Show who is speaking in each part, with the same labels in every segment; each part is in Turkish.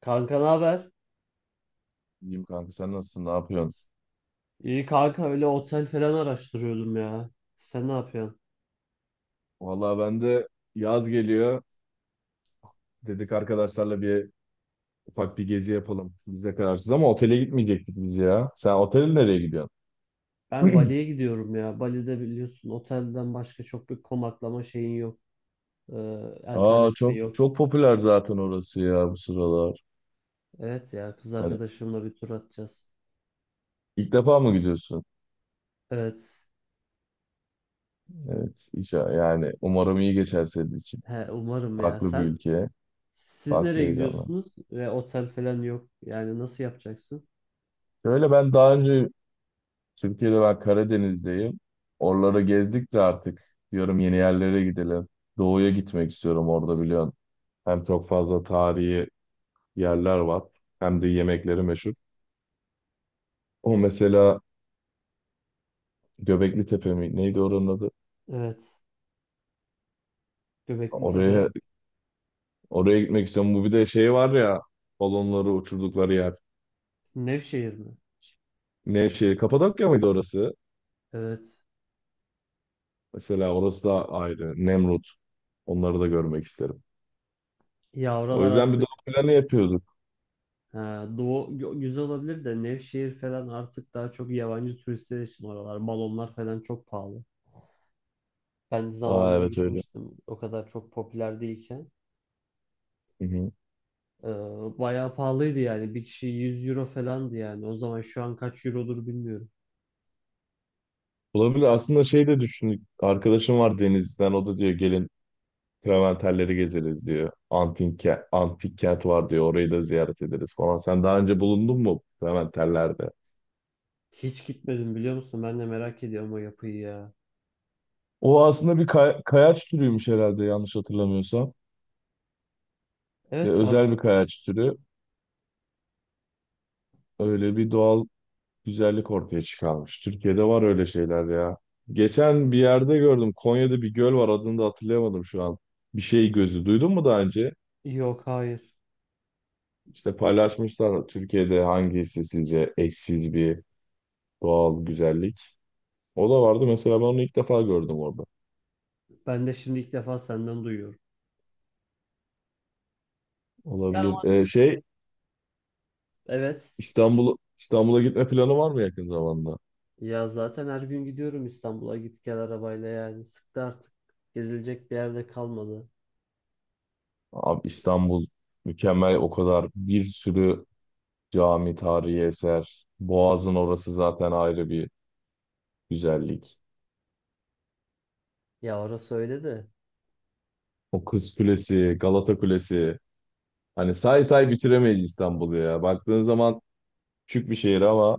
Speaker 1: Kanka ne haber?
Speaker 2: İyiyim kanka, sen nasılsın? Ne yapıyorsun?
Speaker 1: İyi kanka öyle otel falan araştırıyordum ya. Sen ne yapıyorsun?
Speaker 2: Vallahi ben de yaz geliyor. Dedik arkadaşlarla bir ufak bir gezi yapalım. Biz de kararsız ama otele gitmeyecektik biz ya. Sen otele nereye gidiyorsun?
Speaker 1: Ben Bali'ye gidiyorum ya. Bali'de biliyorsun otelden başka çok bir konaklama şeyin yok. Ee,
Speaker 2: Aa,
Speaker 1: Alternatifi
Speaker 2: çok
Speaker 1: yok.
Speaker 2: çok popüler zaten orası ya bu sıralar.
Speaker 1: Evet ya kız
Speaker 2: Hani
Speaker 1: arkadaşımla bir tur atacağız.
Speaker 2: ilk defa mı gidiyorsun?
Speaker 1: Evet.
Speaker 2: Evet. Yani umarım iyi geçer senin için.
Speaker 1: He, umarım ya.
Speaker 2: Farklı bir
Speaker 1: Sen
Speaker 2: ülke,
Speaker 1: siz
Speaker 2: farklı
Speaker 1: nereye
Speaker 2: heyecanlar.
Speaker 1: gidiyorsunuz? Ve otel falan yok. Yani nasıl yapacaksın?
Speaker 2: Şöyle, ben daha önce Türkiye'de, ben Karadeniz'deyim. Oraları gezdik de artık diyorum yeni yerlere gidelim. Doğu'ya gitmek istiyorum, orada biliyorsun. Hem çok fazla tarihi yerler var, hem de yemekleri meşhur. O mesela Göbekli Tepe mi? Neydi oranın adı?
Speaker 1: Evet. Göbekli Tepe.
Speaker 2: Oraya oraya gitmek istiyorum. Bu, bir de şey var ya, balonları uçurdukları yer.
Speaker 1: Nevşehir mi?
Speaker 2: Nevşehir, Kapadokya mıydı orası?
Speaker 1: Evet.
Speaker 2: Mesela orası da ayrı. Nemrut. Onları da görmek isterim.
Speaker 1: Ya
Speaker 2: O
Speaker 1: oralar
Speaker 2: yüzden bir doğu
Speaker 1: artık.
Speaker 2: planı yapıyorduk.
Speaker 1: Ha, güzel olabilir de Nevşehir falan artık daha çok yabancı turistler için oralar. Balonlar falan çok pahalı. Ben
Speaker 2: Aa,
Speaker 1: zamanında
Speaker 2: evet öyle.
Speaker 1: gitmiştim, o kadar çok popüler değilken.
Speaker 2: Hı hı.
Speaker 1: Ee, Bayağı pahalıydı yani. Bir kişi 100 € falandı yani. O zaman şu an kaç eurodur bilmiyorum.
Speaker 2: Olabilir. Aslında şey de düşündük. Arkadaşım var Denizli'den. O da diyor gelin Traventerleri gezeriz diyor. Antik, antik kent var diyor. Orayı da ziyaret ederiz falan. Sen daha önce bulundun mu Traventerlerde?
Speaker 1: Hiç gitmedim biliyor musun? Ben de merak ediyorum o yapıyı ya.
Speaker 2: O aslında bir kayaç türüymüş herhalde, yanlış hatırlamıyorsam. Ve
Speaker 1: Evet fark.
Speaker 2: özel bir kayaç türü. Öyle bir doğal güzellik ortaya çıkarmış. Türkiye'de var öyle şeyler ya. Geçen bir yerde gördüm. Konya'da bir göl var. Adını da hatırlayamadım şu an. Bir şey gözü. Duydun mu daha önce?
Speaker 1: Yok hayır.
Speaker 2: İşte paylaşmışlar, Türkiye'de hangisi sizce eşsiz bir doğal güzellik. O da vardı, mesela ben onu ilk defa gördüm orada.
Speaker 1: Ben de şimdi ilk defa senden duyuyorum. Ya ama
Speaker 2: Olabilir. Şey,
Speaker 1: evet.
Speaker 2: İstanbul'a gitme planı var mı yakın zamanda?
Speaker 1: Ya zaten her gün gidiyorum İstanbul'a, git gel arabayla, yani sıktı artık. Gezilecek bir yerde kalmadı.
Speaker 2: Abi, İstanbul mükemmel, o kadar bir sürü cami, tarihi eser. Boğaz'ın orası zaten ayrı bir güzellik.
Speaker 1: Ya orası öyle de.
Speaker 2: O Kız Kulesi, Galata Kulesi. Hani say say bitiremeyiz İstanbul'u ya. Baktığın zaman küçük bir şehir ama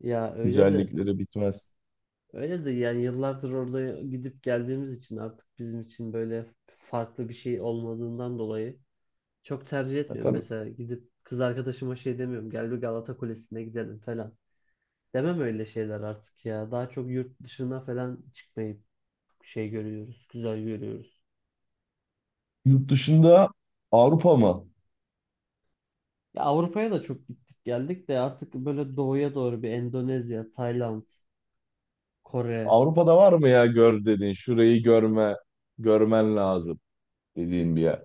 Speaker 1: Ya öyle de.
Speaker 2: güzellikleri bitmez.
Speaker 1: Öyle de yani yıllardır orada gidip geldiğimiz için artık bizim için böyle farklı bir şey olmadığından dolayı çok tercih
Speaker 2: Ya
Speaker 1: etmiyorum.
Speaker 2: tabii.
Speaker 1: Mesela gidip kız arkadaşıma şey demiyorum, gel bir Galata Kulesi'ne gidelim falan. Demem öyle şeyler artık ya. Daha çok yurt dışına falan çıkmayı şey görüyoruz, güzel görüyoruz.
Speaker 2: Yurt dışında, Avrupa mı?
Speaker 1: Ya Avrupa'ya da çok gittik geldik de artık böyle doğuya doğru bir Endonezya, Tayland, Kore.
Speaker 2: Avrupa'da var mı ya, gör dediğin, şurayı görme, görmen lazım dediğin bir yer?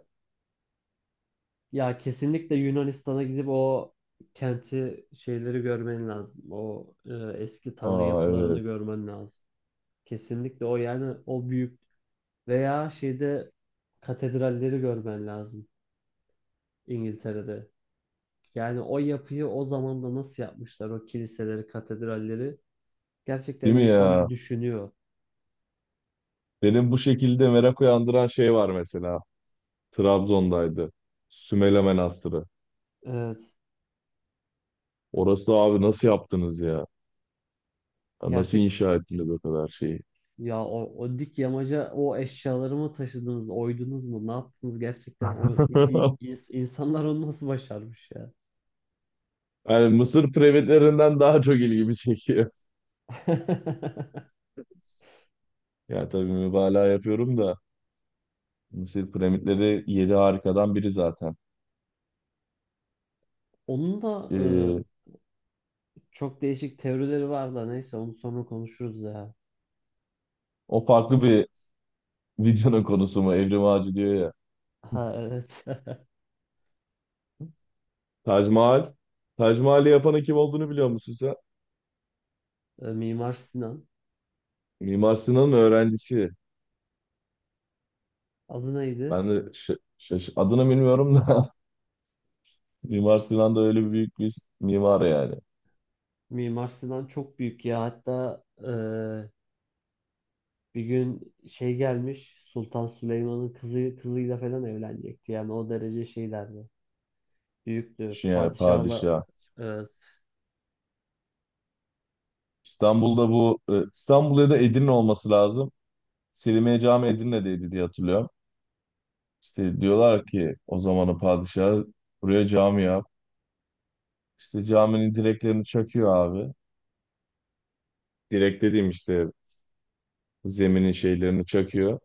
Speaker 1: Ya kesinlikle Yunanistan'a gidip o kenti şeyleri görmen lazım. O eski tanrı
Speaker 2: Aa,
Speaker 1: yapılarını
Speaker 2: evet.
Speaker 1: görmen lazım. Kesinlikle o yani o büyük veya şeyde katedralleri görmen lazım İngiltere'de. Yani o yapıyı o zamanda nasıl yapmışlar o kiliseleri, katedralleri.
Speaker 2: Değil
Speaker 1: Gerçekten
Speaker 2: mi
Speaker 1: insan bir
Speaker 2: ya?
Speaker 1: düşünüyor.
Speaker 2: Benim bu şekilde merak uyandıran şey var mesela. Trabzon'daydı. Sümele Manastırı. Orası da, abi nasıl yaptınız ya? Ya nasıl
Speaker 1: Evet.
Speaker 2: inşa ettiniz o kadar şeyi?
Speaker 1: Ya o, o dik yamaca o eşyaları mı taşıdınız, oydunuz mu, ne yaptınız gerçekten? O i- i- ins- insanlar onu nasıl başarmış ya?
Speaker 2: Yani Mısır piramitlerinden daha çok ilgimi çekiyor. Ya tabii mübalağa yapıyorum da, Mısır piramitleri yedi harikadan biri zaten.
Speaker 1: Onun da
Speaker 2: Ee,
Speaker 1: çok değişik teorileri var da neyse onu sonra konuşuruz ya.
Speaker 2: O farklı bir videonun konusu mu? Evrim Ağacı diyor ya.
Speaker 1: Ha evet.
Speaker 2: Tac Mahal. Tac Mahal'i yapanın kim olduğunu biliyor musun sen?
Speaker 1: Mimar Sinan.
Speaker 2: Mimar Sinan'ın öğrencisi.
Speaker 1: Adı neydi?
Speaker 2: Ben de adını bilmiyorum da Mimar Sinan da öyle büyük bir mimar yani.
Speaker 1: Mimar Sinan çok büyük ya. Hatta bir gün şey gelmiş, Sultan Süleyman'ın kızı kızıyla falan evlenecekti. Yani o derece şeylerdi. Büyüktü.
Speaker 2: Düşün yani,
Speaker 1: Padişahla.
Speaker 2: padişah.
Speaker 1: Evet.
Speaker 2: İstanbul'da bu İstanbul ya da Edirne olması lazım. Selimiye Cami Edirne'deydi diye hatırlıyorum. İşte diyorlar ki o zamanın padişahı buraya cami yap. İşte caminin direklerini çakıyor abi. Direk dediğim işte zeminin şeylerini çakıyor.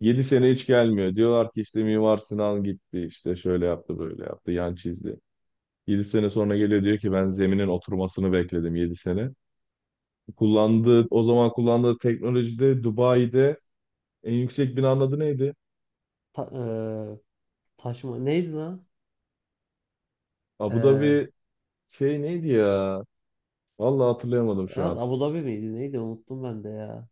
Speaker 2: 7 sene hiç gelmiyor. Diyorlar ki işte Mimar Sinan gitti, işte şöyle yaptı böyle yaptı, yan çizdi. 7 sene sonra geliyor, diyor ki ben zeminin oturmasını bekledim 7 sene. O zaman kullandığı teknolojide Dubai'de en yüksek binanın adı neydi?
Speaker 1: Ta, eee, Taşıma neydi lan?
Speaker 2: Abu
Speaker 1: Ee,
Speaker 2: Dhabi, şey neydi ya? Vallahi hatırlayamadım şu
Speaker 1: Evet,
Speaker 2: an.
Speaker 1: Abu Dhabi miydi neydi, unuttum ben de ya.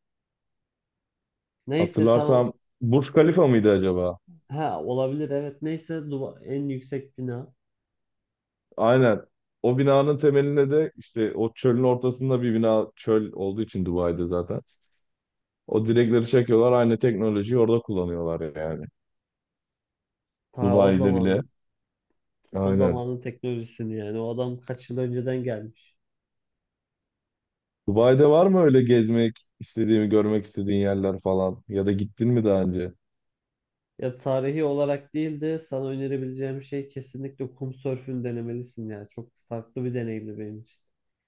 Speaker 1: Neyse tamam.
Speaker 2: Hatırlarsam, Burj Khalifa mıydı acaba?
Speaker 1: Ha olabilir, evet, neyse en yüksek bina.
Speaker 2: Aynen. O binanın temelinde de işte o çölün ortasında bir bina, çöl olduğu için Dubai'de zaten. O direkleri çekiyorlar, aynı teknolojiyi orada kullanıyorlar yani.
Speaker 1: Ta o
Speaker 2: Dubai'de bile.
Speaker 1: zaman o
Speaker 2: Aynen.
Speaker 1: zamanın teknolojisini, yani o adam kaç yıl önceden gelmiş.
Speaker 2: Dubai'de var mı öyle gezmek istediğimi, görmek istediğin yerler falan? Ya da gittin mi daha önce?
Speaker 1: Ya tarihi olarak değil de sana önerebileceğim şey kesinlikle kum sörfünü denemelisin ya. Çok farklı bir deneyimdi benim için.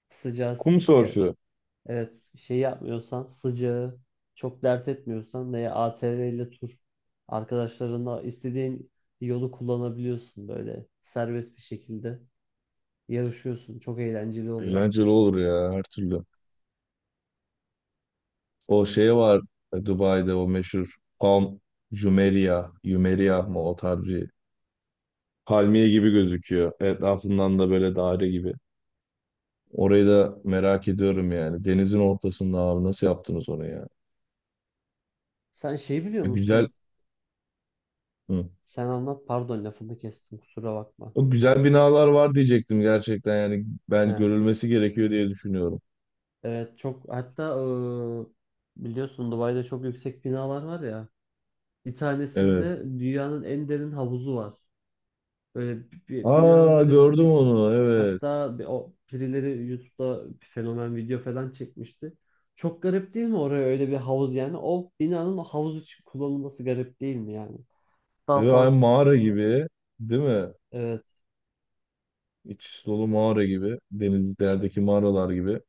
Speaker 1: Sıcağı.
Speaker 2: Kum sörfü.
Speaker 1: Evet, şey yapmıyorsan, sıcağı çok dert etmiyorsan veya ATV ile tur, arkadaşlarınla istediğin yolu kullanabiliyorsun, böyle serbest bir şekilde yarışıyorsun. Çok eğlenceli oluyor.
Speaker 2: Eğlenceli olur ya, her türlü. O şey var, Dubai'de o meşhur Palm Jumeirah. Jumeirah mı? O tarz bir palmiye gibi gözüküyor. Etrafından da böyle daire gibi. Orayı da merak ediyorum yani. Denizin ortasında abi nasıl yaptınız onu ya?
Speaker 1: Sen şey biliyor
Speaker 2: Güzel.
Speaker 1: musun?
Speaker 2: Hı.
Speaker 1: Sen anlat, pardon lafını kestim, kusura bakma.
Speaker 2: O güzel binalar var, diyecektim gerçekten yani,
Speaker 1: He,
Speaker 2: ben görülmesi gerekiyor diye düşünüyorum.
Speaker 1: evet çok, hatta biliyorsun Dubai'de çok yüksek binalar var ya. Bir
Speaker 2: Evet.
Speaker 1: tanesinde dünyanın en derin havuzu var. Böyle bir binanın
Speaker 2: Aa,
Speaker 1: böyle.
Speaker 2: gördüm onu, evet.
Speaker 1: Hatta o birileri YouTube'da fenomen video falan çekmişti. Çok garip değil mi oraya öyle bir havuz yani? O binanın o havuz için kullanılması garip değil mi yani? Daha
Speaker 2: Evet aynı
Speaker 1: farklı.
Speaker 2: mağara gibi değil mi?
Speaker 1: Evet.
Speaker 2: İç dolu mağara gibi. Denizlerdeki mağaralar gibi.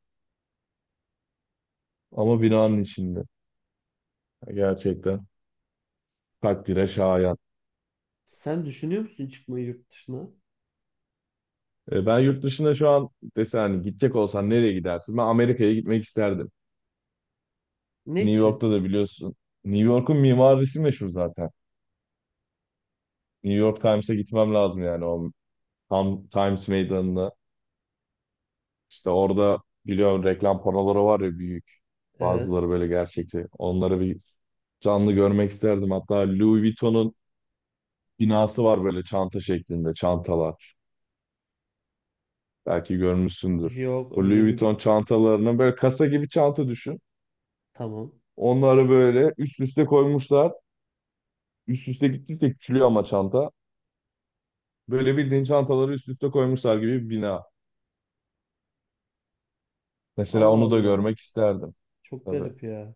Speaker 2: Ama binanın içinde. Gerçekten takdire şayan.
Speaker 1: Sen düşünüyor musun çıkmayı yurt dışına?
Speaker 2: Ben yurt dışında şu an desen, hani gidecek olsan nereye gidersin? Ben Amerika'ya gitmek isterdim.
Speaker 1: Ne
Speaker 2: New
Speaker 1: için?
Speaker 2: York'ta da biliyorsun. New York'un mimarisi meşhur zaten. New York Times'e gitmem lazım yani, o tam Times Meydanı'na. İşte orada biliyorum reklam panoları var ya, büyük.
Speaker 1: Evet.
Speaker 2: Bazıları böyle gerçekçi. Onları bir canlı görmek isterdim. Hatta Louis Vuitton'un binası var, böyle çanta şeklinde çantalar. Belki görmüşsündür.
Speaker 1: Yok
Speaker 2: Bu Louis
Speaker 1: öyle bir,
Speaker 2: Vuitton çantalarının böyle kasa gibi çanta düşün.
Speaker 1: tamam.
Speaker 2: Onları böyle üst üste koymuşlar. Üst üste gittikçe küçülüyor ama çanta. Böyle bildiğin çantaları üst üste koymuşlar gibi bir bina. Mesela
Speaker 1: Allah
Speaker 2: onu da
Speaker 1: Allah.
Speaker 2: görmek isterdim
Speaker 1: Çok
Speaker 2: tabii.
Speaker 1: garip ya.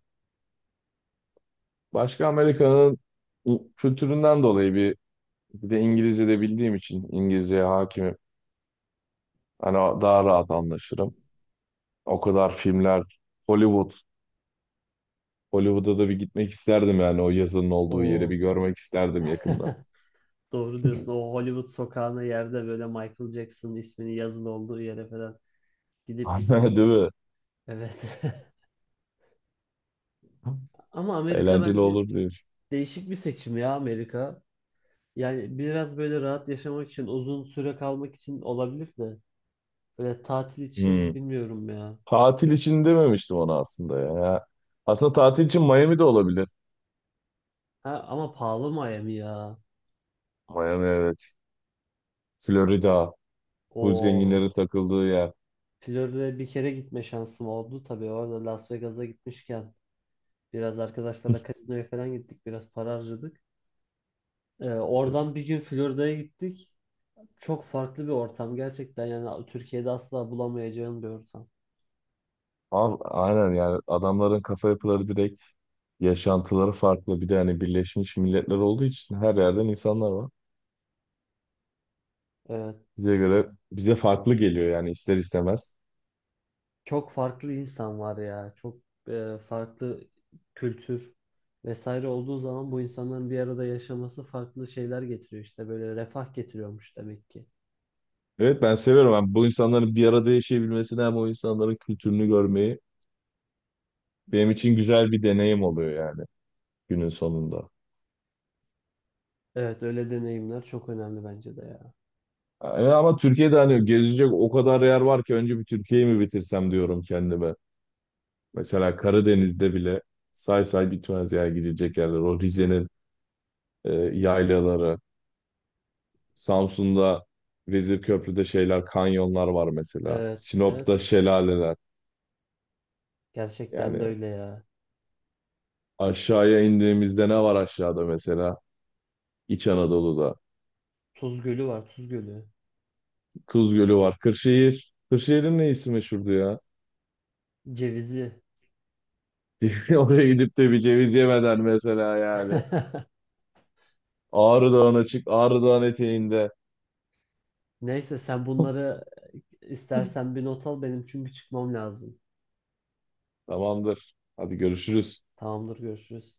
Speaker 2: Başka, Amerika'nın kültüründen dolayı bir. Bir de İngilizce de bildiğim için, İngilizceye hakimim. Hani daha rahat anlaşırım. O kadar filmler, Hollywood. Hollywood'a da bir gitmek isterdim yani, o yazının olduğu yeri bir
Speaker 1: O
Speaker 2: görmek isterdim yakından.
Speaker 1: doğru diyorsun. O Hollywood sokağına, yerde böyle Michael Jackson ismini yazılı olduğu yere falan gidip ismi.
Speaker 2: Değil mi?
Speaker 1: Evet. Ama Amerika
Speaker 2: Eğlenceli
Speaker 1: bence,
Speaker 2: olur diyor.
Speaker 1: değişik bir seçim ya Amerika. Yani biraz böyle rahat yaşamak için, uzun süre kalmak için olabilir de. Böyle tatil için
Speaker 2: Hmm.
Speaker 1: bilmiyorum ya.
Speaker 2: Tatil için dememiştim ona aslında ya. Aslında tatil için Miami de olabilir.
Speaker 1: Ha, ama pahalı Miami ya.
Speaker 2: Miami, evet. Florida. Full
Speaker 1: O
Speaker 2: zenginlerin takıldığı yer.
Speaker 1: Florida'ya bir kere gitme şansım oldu. Tabii orada Las Vegas'a gitmişken biraz arkadaşlarla kasinoya falan gittik. Biraz para harcadık. Oradan bir gün Florida'ya gittik. Çok farklı bir ortam gerçekten. Yani Türkiye'de asla bulamayacağın bir ortam.
Speaker 2: Abi, aynen yani adamların kafa yapıları direkt, yaşantıları farklı. Bir de hani Birleşmiş Milletler olduğu için her yerden insanlar var.
Speaker 1: Evet.
Speaker 2: Bize göre bize farklı geliyor yani ister istemez.
Speaker 1: Çok farklı insan var ya. Çok farklı kültür vesaire olduğu zaman bu insanların bir arada yaşaması farklı şeyler getiriyor, işte böyle refah getiriyormuş demek ki.
Speaker 2: Evet, ben seviyorum. Ben bu insanların bir arada yaşayabilmesini, hem o insanların kültürünü görmeyi, benim için güzel bir deneyim oluyor yani günün sonunda.
Speaker 1: Evet öyle deneyimler çok önemli bence de ya.
Speaker 2: Yani ama Türkiye'de hani gezecek o kadar yer var ki, önce bir Türkiye'yi mi bitirsem diyorum kendime. Mesela Karadeniz'de bile say say bitmez yer, gidecek yerler. O Rize'nin yaylaları, Samsun'da Vezirköprü'de şeyler, kanyonlar var mesela.
Speaker 1: Evet evet,
Speaker 2: Sinop'ta şelaleler. Yani
Speaker 1: gerçekten de öyle ya.
Speaker 2: aşağıya indiğimizde ne var aşağıda mesela? İç Anadolu'da.
Speaker 1: Tuz Gölü var, Tuz Gölü.
Speaker 2: Tuz Gölü var. Kırşehir. Kırşehir'in neyisi meşhurdu ya?
Speaker 1: Cevizi.
Speaker 2: Oraya gidip de bir ceviz yemeden mesela yani. Ağrı Dağı'na çık, Ağrı Dağı'nın eteğinde.
Speaker 1: Neyse sen bunları istersen bir not al benim, çünkü çıkmam lazım.
Speaker 2: Tamamdır. Hadi görüşürüz.
Speaker 1: Tamamdır, görüşürüz.